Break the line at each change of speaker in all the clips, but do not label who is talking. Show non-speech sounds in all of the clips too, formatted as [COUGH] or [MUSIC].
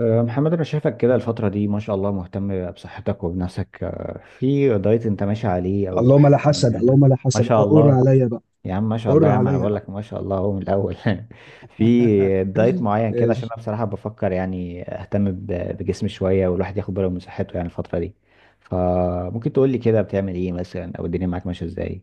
محمد انا شايفك كده الفترة دي، ما شاء الله، مهتم بصحتك وبنفسك. في دايت انت ماشي عليه او
اللهم لا
حاجة
حسد،
معينة؟
اللهم لا
ما
حسد،
شاء
قر
الله
عليا بقى،
يا عم، ما شاء الله
قر
يا عم، انا
عليا
بقول
بقى.
لك ما شاء الله هو من الاول. [LAUGHS]
[LAUGHS]
في دايت معين كده، عشان
ماشي.
انا بصراحة بفكر يعني اهتم بجسمي شوية، والواحد ياخد باله من صحته يعني الفترة دي. فممكن تقول لي كده بتعمل ايه مثلا، او الدنيا معاك ماشية ازاي؟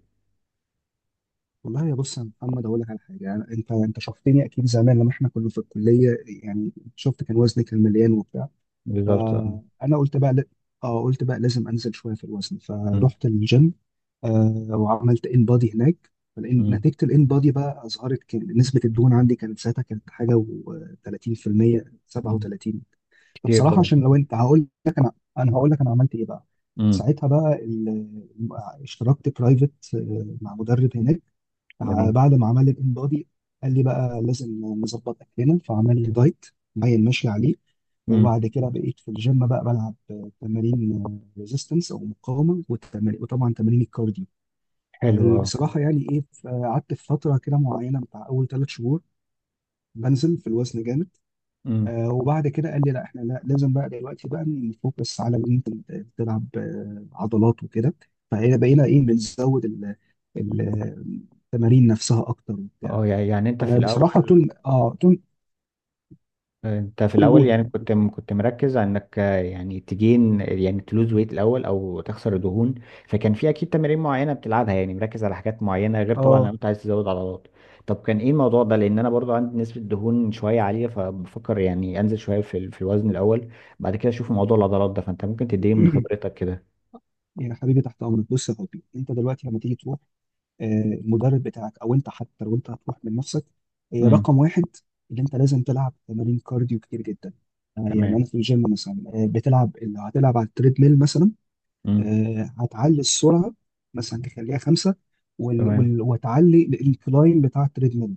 والله يا بص يا محمد اقول لك على حاجه، يعني انت شفتني اكيد زمان لما احنا كنا في الكليه، يعني شفت كان وزني مليان وبتاع.
بالظبط، اه.
فانا قلت بقى ل... اه قلت بقى لازم انزل شويه في الوزن،
أمم.
فرحت الجيم وعملت ان بادي هناك. فالإن-
أمم.
نتيجه الان بادي بقى اظهرت كان نسبه الدهون عندي، كانت ساعتها كانت حاجه و30%
أمم.
37.
كتير
فبصراحه عشان
برضه.
لو انت هقول لك انا انا هقول لك انا عملت ايه بقى.
أمم.
ساعتها اشتركت برايفت مع مدرب هناك.
جميل.
بعد ما عمل الان بودي قال لي بقى لازم نظبط اكلنا، فعمل لي دايت باين ماشي عليه.
أمم.
وبعد كده بقيت في الجيم بقى بلعب تمارين ريزيستنس او مقاومه، والتمارين وطبعا تمارين الكارديو.
حلو، اه.
فبصراحه يعني ايه، قعدت في فتره كده معينه بتاع اول ثلاث شهور بنزل في الوزن جامد.
أمم.
وبعد كده قال لي لا احنا لا لازم بقى دلوقتي بقى نفوكس على ان انت تلعب عضلات وكده. فهنا بقينا ايه، بنزود ال- التمارين نفسها اكتر وبتاع.
اه، يعني انت في
فبصراحه
الاول
تون.
انت في
قول
الاول
قول يا
يعني
حبيبي.
كنت مركز على انك، يعني تجين، يعني تلوز ويت الاول او تخسر دهون. فكان في اكيد تمارين معينه بتلعبها، يعني مركز على حاجات معينه، غير طبعا لو
اه.
انت عايز تزود عضلات. طب كان ايه الموضوع ده؟ لان انا برضو عندي نسبه دهون شويه عاليه، فبفكر يعني انزل شويه في الوزن الاول، بعد كده اشوف موضوع العضلات ده. فانت ممكن تديني من
[CLEARS THROAT]
خبرتك كده.
يا حبيبي تحت امرك. بص يا حبيبي، انت دلوقتي لما تيجي تروح المدرب بتاعك، او انت حتى لو انت هتروح من نفسك،
امم.
رقم واحد اللي انت لازم تلعب تمارين كارديو كتير جدا. يعني
تمام.
انا في الجيم مثلا، بتلعب لو هتلعب على التريد ميل مثلا.
امم.
هتعلي السرعه، مثلا تخليها خمسه،
تمام.
وتعلي الكلايم بتاع التريدميل.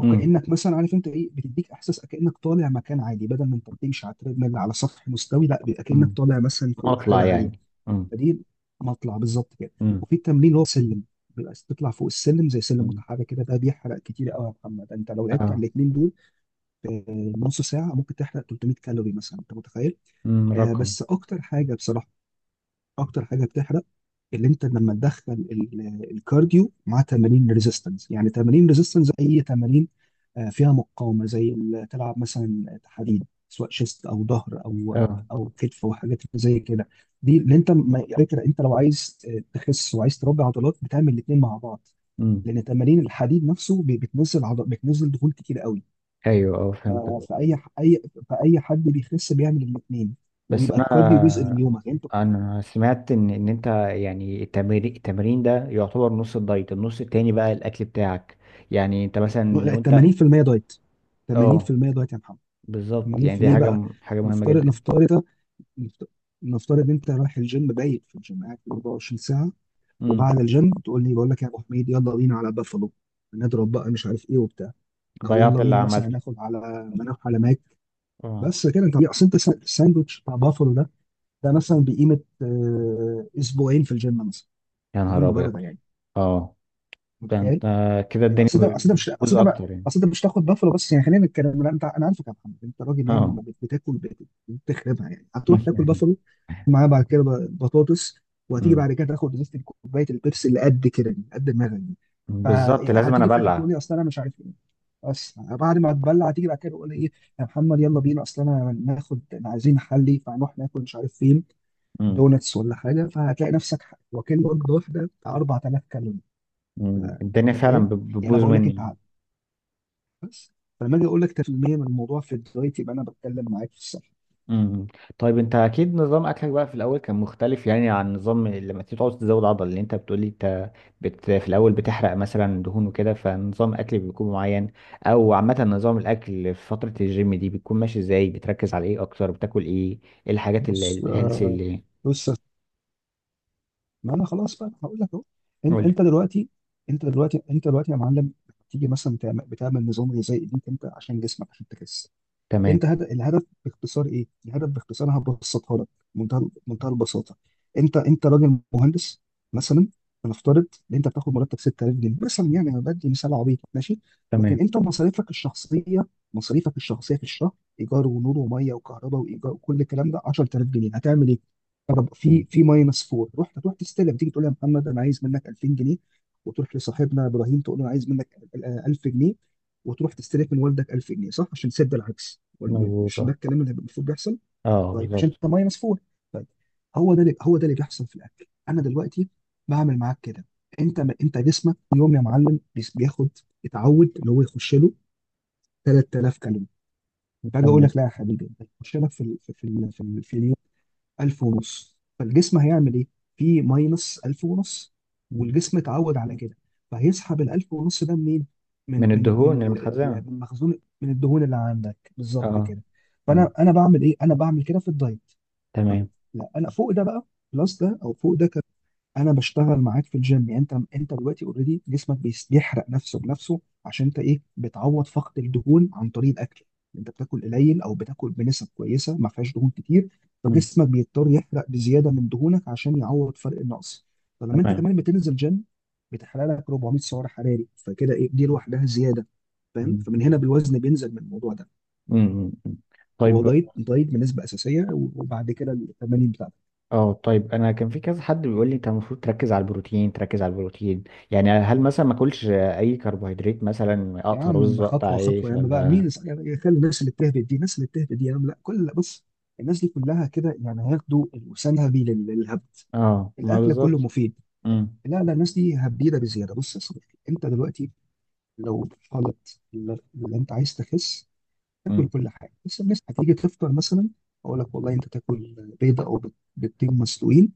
امم.
مثلا عارف انت ايه، بتديك احساس كانك طالع مكان عادي، بدل ما انت بتمشي على التريدميل على سطح مستوي، لا بيبقى كانك
امم.
طالع مثلا فوق
اطلع
حاجه عاليه.
يعني. امم.
فدي مطلع بالظبط كده.
امم.
وفي التمرين اللي هو سلم، بيبقى تطلع فوق السلم زي سلم
امم.
متحرك كده، ده بيحرق كتير قوي يا محمد. انت لو لعبت على
اه.
الاثنين دول في نص ساعه ممكن تحرق 300 كالوري مثلا، انت متخيل؟
امم.
آه
رقم.
بس اكتر حاجه بصراحه، اكتر حاجه بتحرق اللي انت لما تدخل الكارديو مع تمارين ريزيستنس. يعني تمارين ريزيستنس اي تمارين فيها مقاومه، زي تلعب مثلا تحديد، سواء شيست او ظهر او
اه.
كتف وحاجات زي كده. دي اللي انت على فكره انت لو عايز تخس وعايز تربي عضلات بتعمل الاثنين مع بعض،
امم.
لان تمارين الحديد نفسه بتنزل عضل، بتنزل دهون كتير قوي.
ايوه، اه، فهمت.
ف- فاي ح- اي فاي حد بيخس بيعمل الاثنين،
بس
وبيبقى
انا،
الكارديو جزء من يومك. يعني انت
سمعت ان، انت، يعني التمرين ده يعتبر نص الدايت، النص التاني بقى الاكل بتاعك. يعني انت مثلا لو انت.
80% دايت
اه،
80% دايت يا محمد.
بالظبط.
80
يعني دي
ليه بقى؟
حاجه مهمه
نفترض
جدا.
نفترض نفت- نفترض ان انت رايح الجيم، بايت في الجيم قاعد 24 ساعه،
امم.
وبعد الجيم تقول لي بقول لك يا ابو حميد يلا بينا على بافالو، نضرب بقى مش عارف ايه وبتاع، او
ضيعت
يلا
اللي
بينا مثلا
عملته.
ناخد على نروح على ماك.
اه.
بس كده انت اصل انت الساندوتش بتاع بافالو ده، ده مثلا بقيمه اسبوعين في الجيم مثلا،
يا
بدون
نهار ابيض.
مبالغه يعني،
اه. ده انت،
متخيل؟
كده
يعني
الدنيا
اصل ده اصل ده مش
بتبوظ
اصل ده بقى
اكتر يعني.
اصل ده مش تاخد بافلو بس يعني، خلينا نتكلم، لا انت انا عارفك يا محمد، انت راجل يعني،
اه.
ما بت- بتاكل بت- بتخربها يعني، هتروح تاكل بافلو
[LAUGHS]
معاه بعد كده بطاطس. وهتيجي
امم.
بعد كده تاخد ازازه كوبايه البيبسي اللي قد كده، دي قد دماغك دي.
بالظبط، لازم انا
فهتيجي في الاخر تقول
ابلع.
لي اصل انا مش عارف ايه، بس بعد ما اتبلع هتيجي بعد كده تقول لي ايه، يا محمد يلا بينا اصل انا ناخد، انا عايزين محلي، فهنروح ناكل مش عارف فين،
امم.
دونتس ولا حاجه. فهتلاقي نفسك واكل وجبه واحده بتاع 4000 كالوري،
امم.
فانت
الدنيا
متخيل؟
فعلا
يعني انا
بتبوظ
بقول لك انت
مني.
بس، فلما اجي اقول لك 100% من الموضوع في الدايت يبقى انا بتكلم معاك في الصح.
امم. طيب، انت اكيد نظام اكلك بقى في الاول كان مختلف، يعني عن نظام لما تيجي تعوز تزود عضل اللي انت بتقولي. انت في الاول بتحرق مثلا دهون وكده، فنظام اكل بيكون معين. او عامه نظام الاكل في فتره الجيم دي بتكون ماشي ازاي؟ بتركز على ايه اكتر؟ بتاكل ايه؟ ايه الحاجات
بص
الهيلثي
آه،
اللي.
بص ما انا خلاص بقى هقول لك اهو. انت
قولي.
انت دلوقتي انت دلوقتي يا معلم تيجي مثلا بتعمل نظام غذائي ليك انت، عشان جسمك عشان تخس.
تمام.
الهدف باختصار ايه؟ الهدف باختصار أنا هبسطها لك بمنتهى منتهى البساطه. انت انت راجل مهندس مثلا، هنفترض ان انت بتاخد مرتب 6000 جنيه مثلا، يعني انا بدي مثال عبيط ماشي. لكن
تمام.
انت مصاريفك الشخصيه في الشهر، ايجار ونور وميه وكهرباء وايجار وكل الكلام ده 10000 جنيه، هتعمل ايه؟ طب في
مم.
في ماينس 4، رحت تروح تستلم تيجي تقول يا محمد انا عايز منك 2000 جنيه، وتروح لصاحبنا ابراهيم تقول له انا عايز منك 1000 جنيه، وتروح تستلف من والدك 1000 جنيه، صح؟ عشان تسد العكس.
مظبوط،
مش
اه.
ده الكلام اللي المفروض بيحصل؟
اه،
طيب عشان
بالظبط.
انت ميه مسفوح. طيب هو ده اللي بيحصل في الاكل. انا دلوقتي بعمل معاك كده. انت انت جسمك كل يوم يا معلم بياخد، اتعود اللي هو يخش له 3000 كالوري، فاجي اقول
تمام.
لك لا يا حبيبي ده يخش لك في اليوم 1000 ونص، فالجسم هيعمل ايه؟ في ماينس 1000 ونص،
مم.
والجسم اتعود على كده. فهيسحب ال 1000 ونص ده منين؟ من
من
من من
الدهون
ال- من
المتخزنه.
المخزون من الدهون اللي عندك،
اه،
بالظبط
اه.
كده.
مم.
فانا بعمل ايه؟ انا بعمل كده في الدايت. طيب
تمام.
لا انا فوق ده بقى، بلس ده او فوق ده. انا بشتغل معاك في الجيم، يعني انت دلوقتي اوريدي جسمك بيحرق نفسه بنفسه، عشان انت ايه، بتعوض فقد الدهون عن طريق الاكل. انت بتاكل قليل او بتاكل بنسب كويسه ما فيهاش دهون كتير،
مم.
فجسمك بيضطر يحرق بزياده من دهونك عشان يعوض فرق النقص. فلما انت
تمام.
كمان بتنزل جيم بتحرق لك 400 سعر حراري، فكده ايه دي لوحدها زياده؟ فاهم،
مم.
فمن هنا بالوزن بينزل من الموضوع ده.
مم. مم.
هو
طيب.
دايت، دايت بنسبه اساسيه، وبعد كده التمارين بتاعتك.
اه، طيب، انا كان في كذا حد بيقول لي انت المفروض تركز على البروتين، تركز على البروتين. يعني هل مثلا ما اكلش اي كربوهيدرات؟ مثلا
يا
اقطع رز،
عم
اقطع
خطوه خطوه
عيش،
يا عم بقى. مين
ولا؟
يعني خلي الناس اللي بتهبد دي، الناس اللي بتهبد دي يا عم، لا كل. بص الناس دي كلها كده يعني، هياخدوا الوسنهبي للهبد.
اه. ما
الاكل كله
بالظبط.
مفيد.
امم.
لا لا الناس دي هبيده بزياده. بص يا صديقي، انت دلوقتي لو في حاله اللي انت عايز تخس، تاكل
امم.
كل حاجه. بس الناس هتيجي تفطر مثلا، اقول لك والله انت تاكل بيضه او بيضتين مسلوقين،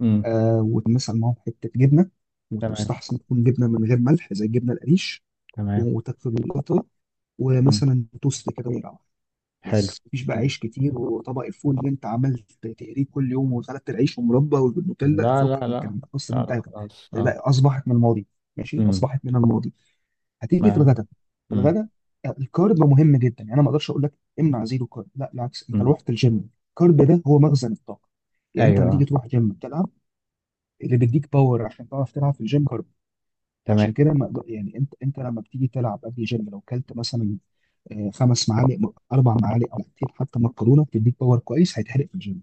امم.
آه ومثلا معاهم حته جبنه،
تمام.
وتستحسن تكون جبنه من غير ملح زي الجبنه القريش،
تمام.
وتكتب القطة،
امم.
ومثلا توست كده ويبقى.
حلو.
بس مفيش بقى
مم.
عيش كتير وطبق الفول اللي انت عملت تقليه كل يوم وخلطت العيش ومربى والنوتيلا،
لا، لا،
فكك من
لا.
الكلام ده اصلا.
لا، لا، خلاص، اه.
بقى اصبحت من الماضي، ماشي،
امم.
اصبحت من الماضي. هتيجي في
ما.
الغداء في
امم.
الغداء الكارب مهم جدا. يعني انا ما اقدرش اقول لك امنع زيرو كارب، لا بالعكس، انت لو
امم.
رحت الجيم الكارب ده هو مخزن الطاقه. يعني انت
ايوه،
لما تيجي
آه.
تروح جيم تلعب، اللي بيديك باور عشان تعرف تلعب في الجيم كارب.
تمام.
عشان كده ما أقدر- يعني انت انت لما بتيجي تلعب قبل الجيم لو كلت مثلا اربع معالق مقتين حتى مكرونه، تديك باور كويس هيتحرق في الجيم.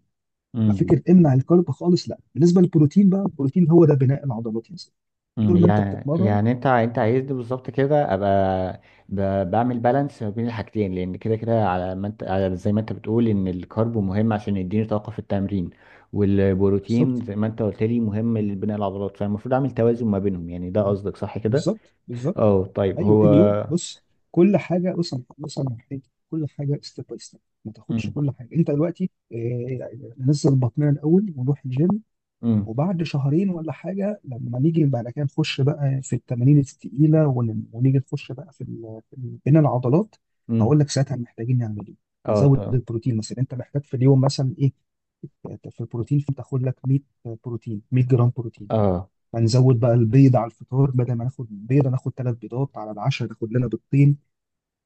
إمم.
ففكره امنع الكارب خالص لا. بالنسبه للبروتين بقى، البروتين هو ده بناء العضلات يا سيدي،
مم،
طول ما انت
يعني
بتتمرن.
يعني انت عايزني بالظبط كده ابقى بعمل بالانس ما بين الحاجتين، لان كده كده، على زي ما انت بتقول ان الكارب مهم عشان يديني طاقه في التمرين،
بالظبط،
والبروتين زي ما انت قلت لي مهم لبناء العضلات، فالمفروض اعمل توازن ما بينهم. يعني ده قصدك، صح كده؟
بالظبط بالظبط.
اه، طيب.
ايوه
هو.
اليوم بص، كل حاجه. بص انا هحكي، كل حاجه ستيب باي ستيب، ما تاخدش
امم.
كل حاجه انت دلوقتي. نزل بطننا الاول ونروح الجيم،
امم.
وبعد شهرين ولا حاجه لما نيجي بعد كده نخش بقى في التمارين التقيله، ونيجي نخش بقى في بين العضلات، هقول
امم.
لك ساعتها محتاجين نعمل ايه.
اه،
نزود
طب.
البروتين مثلا. انت محتاج في اليوم مثلا ايه في البروتين؟ فتاخد لك 100 بروتين، 100 جرام بروتين.
اه.
فنزود بقى البيض على الفطار، بدل ما ناخد بيضه ناخد ثلاث بيضات، على العشاء ناخد لنا بيضتين،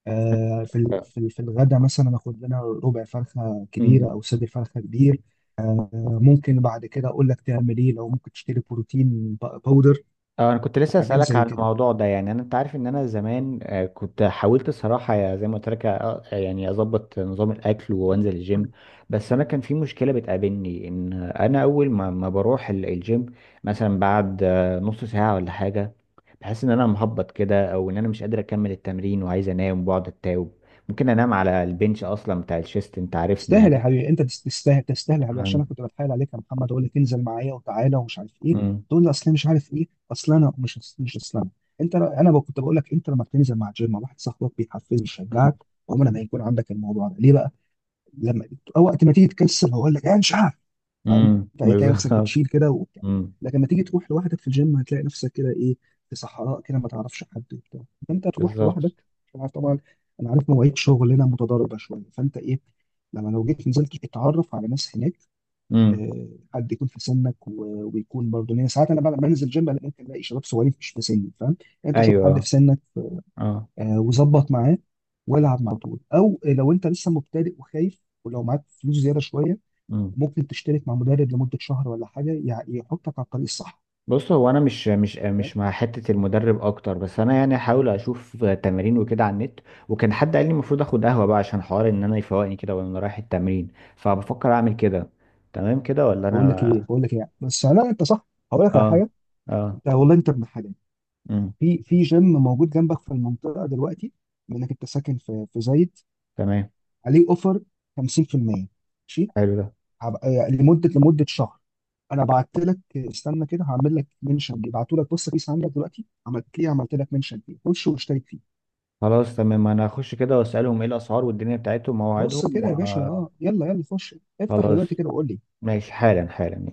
في في الغدا مثلا اخد لنا ربع فرخه كبيره
امم.
او صدر فرخه كبير. آه، ممكن بعد كده اقول لك تعمل ايه لو ممكن تشتري بروتين باودر
اه، انا كنت لسه
وحاجات
اسالك
زي
عن
كده.
الموضوع ده. يعني انا، انت عارف ان انا زمان كنت حاولت الصراحه، زي ما قلت لك، يعني اظبط نظام الاكل وانزل الجيم. بس انا كان في مشكله بتقابلني، ان انا اول ما بروح الجيم، مثلا بعد نص ساعه ولا حاجه، بحس ان انا مهبط كده، او ان انا مش قادر اكمل التمرين وعايز انام وبقعد اتاوب. ممكن انام على البنش اصلا بتاع الشيست، انت عارفني
تستاهل يا
يعني.
حبيبي، انت تستاهل تستاهل يا حبيبي، عشان
عن-
انا كنت بتحايل عليك يا محمد اقول لك انزل معايا وتعالى ومش عارف ايه،
مم.
تقول لي اصل أنا مش عارف ايه اصل انا مش مش اصل انا انت. انا كنت بقول لك انت لما بتنزل مع جيم مع واحد صاحبك بيحفزك ويشجعك، عمر ما يكون عندك الموضوع ده ليه بقى لما، أو وقت ما تيجي تكسل هقول لك انا مش عارف، فاهم؟
مم.
فهتلاقي نفسك
بالظبط.
بتشيل كده وبتاع.
مم.
لكن لما تيجي تروح لوحدك في الجيم هتلاقي نفسك كده ايه، في صحراء كده ما تعرفش حد وبتاع، فانت تروح
بالظبط.
لوحدك عشان عارف طبعا. انا عارف مواعيد شغلنا متضاربه شويه، فانت ايه لما لو جيت نزلت اتعرف على ناس هناك،
مم.
آه، حد يكون في سنك ويكون برضه، لان ساعات انا بعد ما بنزل جيم أنا ممكن الاقي شباب صغيرين مش في سني، فاهم يعني. انت شوف حد
ايوه،
في سنك
اه.
وظبط معاه والعب معاه على طول. او لو انت لسه مبتدئ وخايف ولو معاك فلوس زياده شويه
مم.
ممكن تشترك مع مدرب لمده شهر ولا حاجه، يحطك على الطريق الصح،
بص، هو انا
فاهم.
مش مع حته المدرب اكتر، بس انا يعني هحاول اشوف تمارين وكده على النت. وكان حد قال لي المفروض اخد قهوه بقى، عشان حوار ان انا يفوقني كده وانا رايح التمرين، فبفكر اعمل كده. تمام كده ولا
بقول لك ايه
انا؟
بقول لك ايه بس، لا انت صح. هقول لك على
اه.
حاجه،
اه.
انت والله انت ابن حاجه.
امم.
في جيم موجود جنبك في المنطقه دلوقتي منك، انت ساكن في في زايد،
تمام.
عليه اوفر 50%، ماشي؟
حلو ده.
لمده شهر. انا بعت لك، استنى كده هعمل لك منشن دي، بعته لك، بص بيس عندك دلوقتي، عملت ليه عملت لك منشن فيه، خش واشترك فيه.
خلاص، تمام، انا هخش كده واسالهم ايه الاسعار والدنيا بتاعتهم
بص
مواعيدهم
كده يا باشا، اه يلا يلا خش، افتح
وخلاص.
دلوقتي كده وقول لي.
ماشي، حالا حالا، يلا.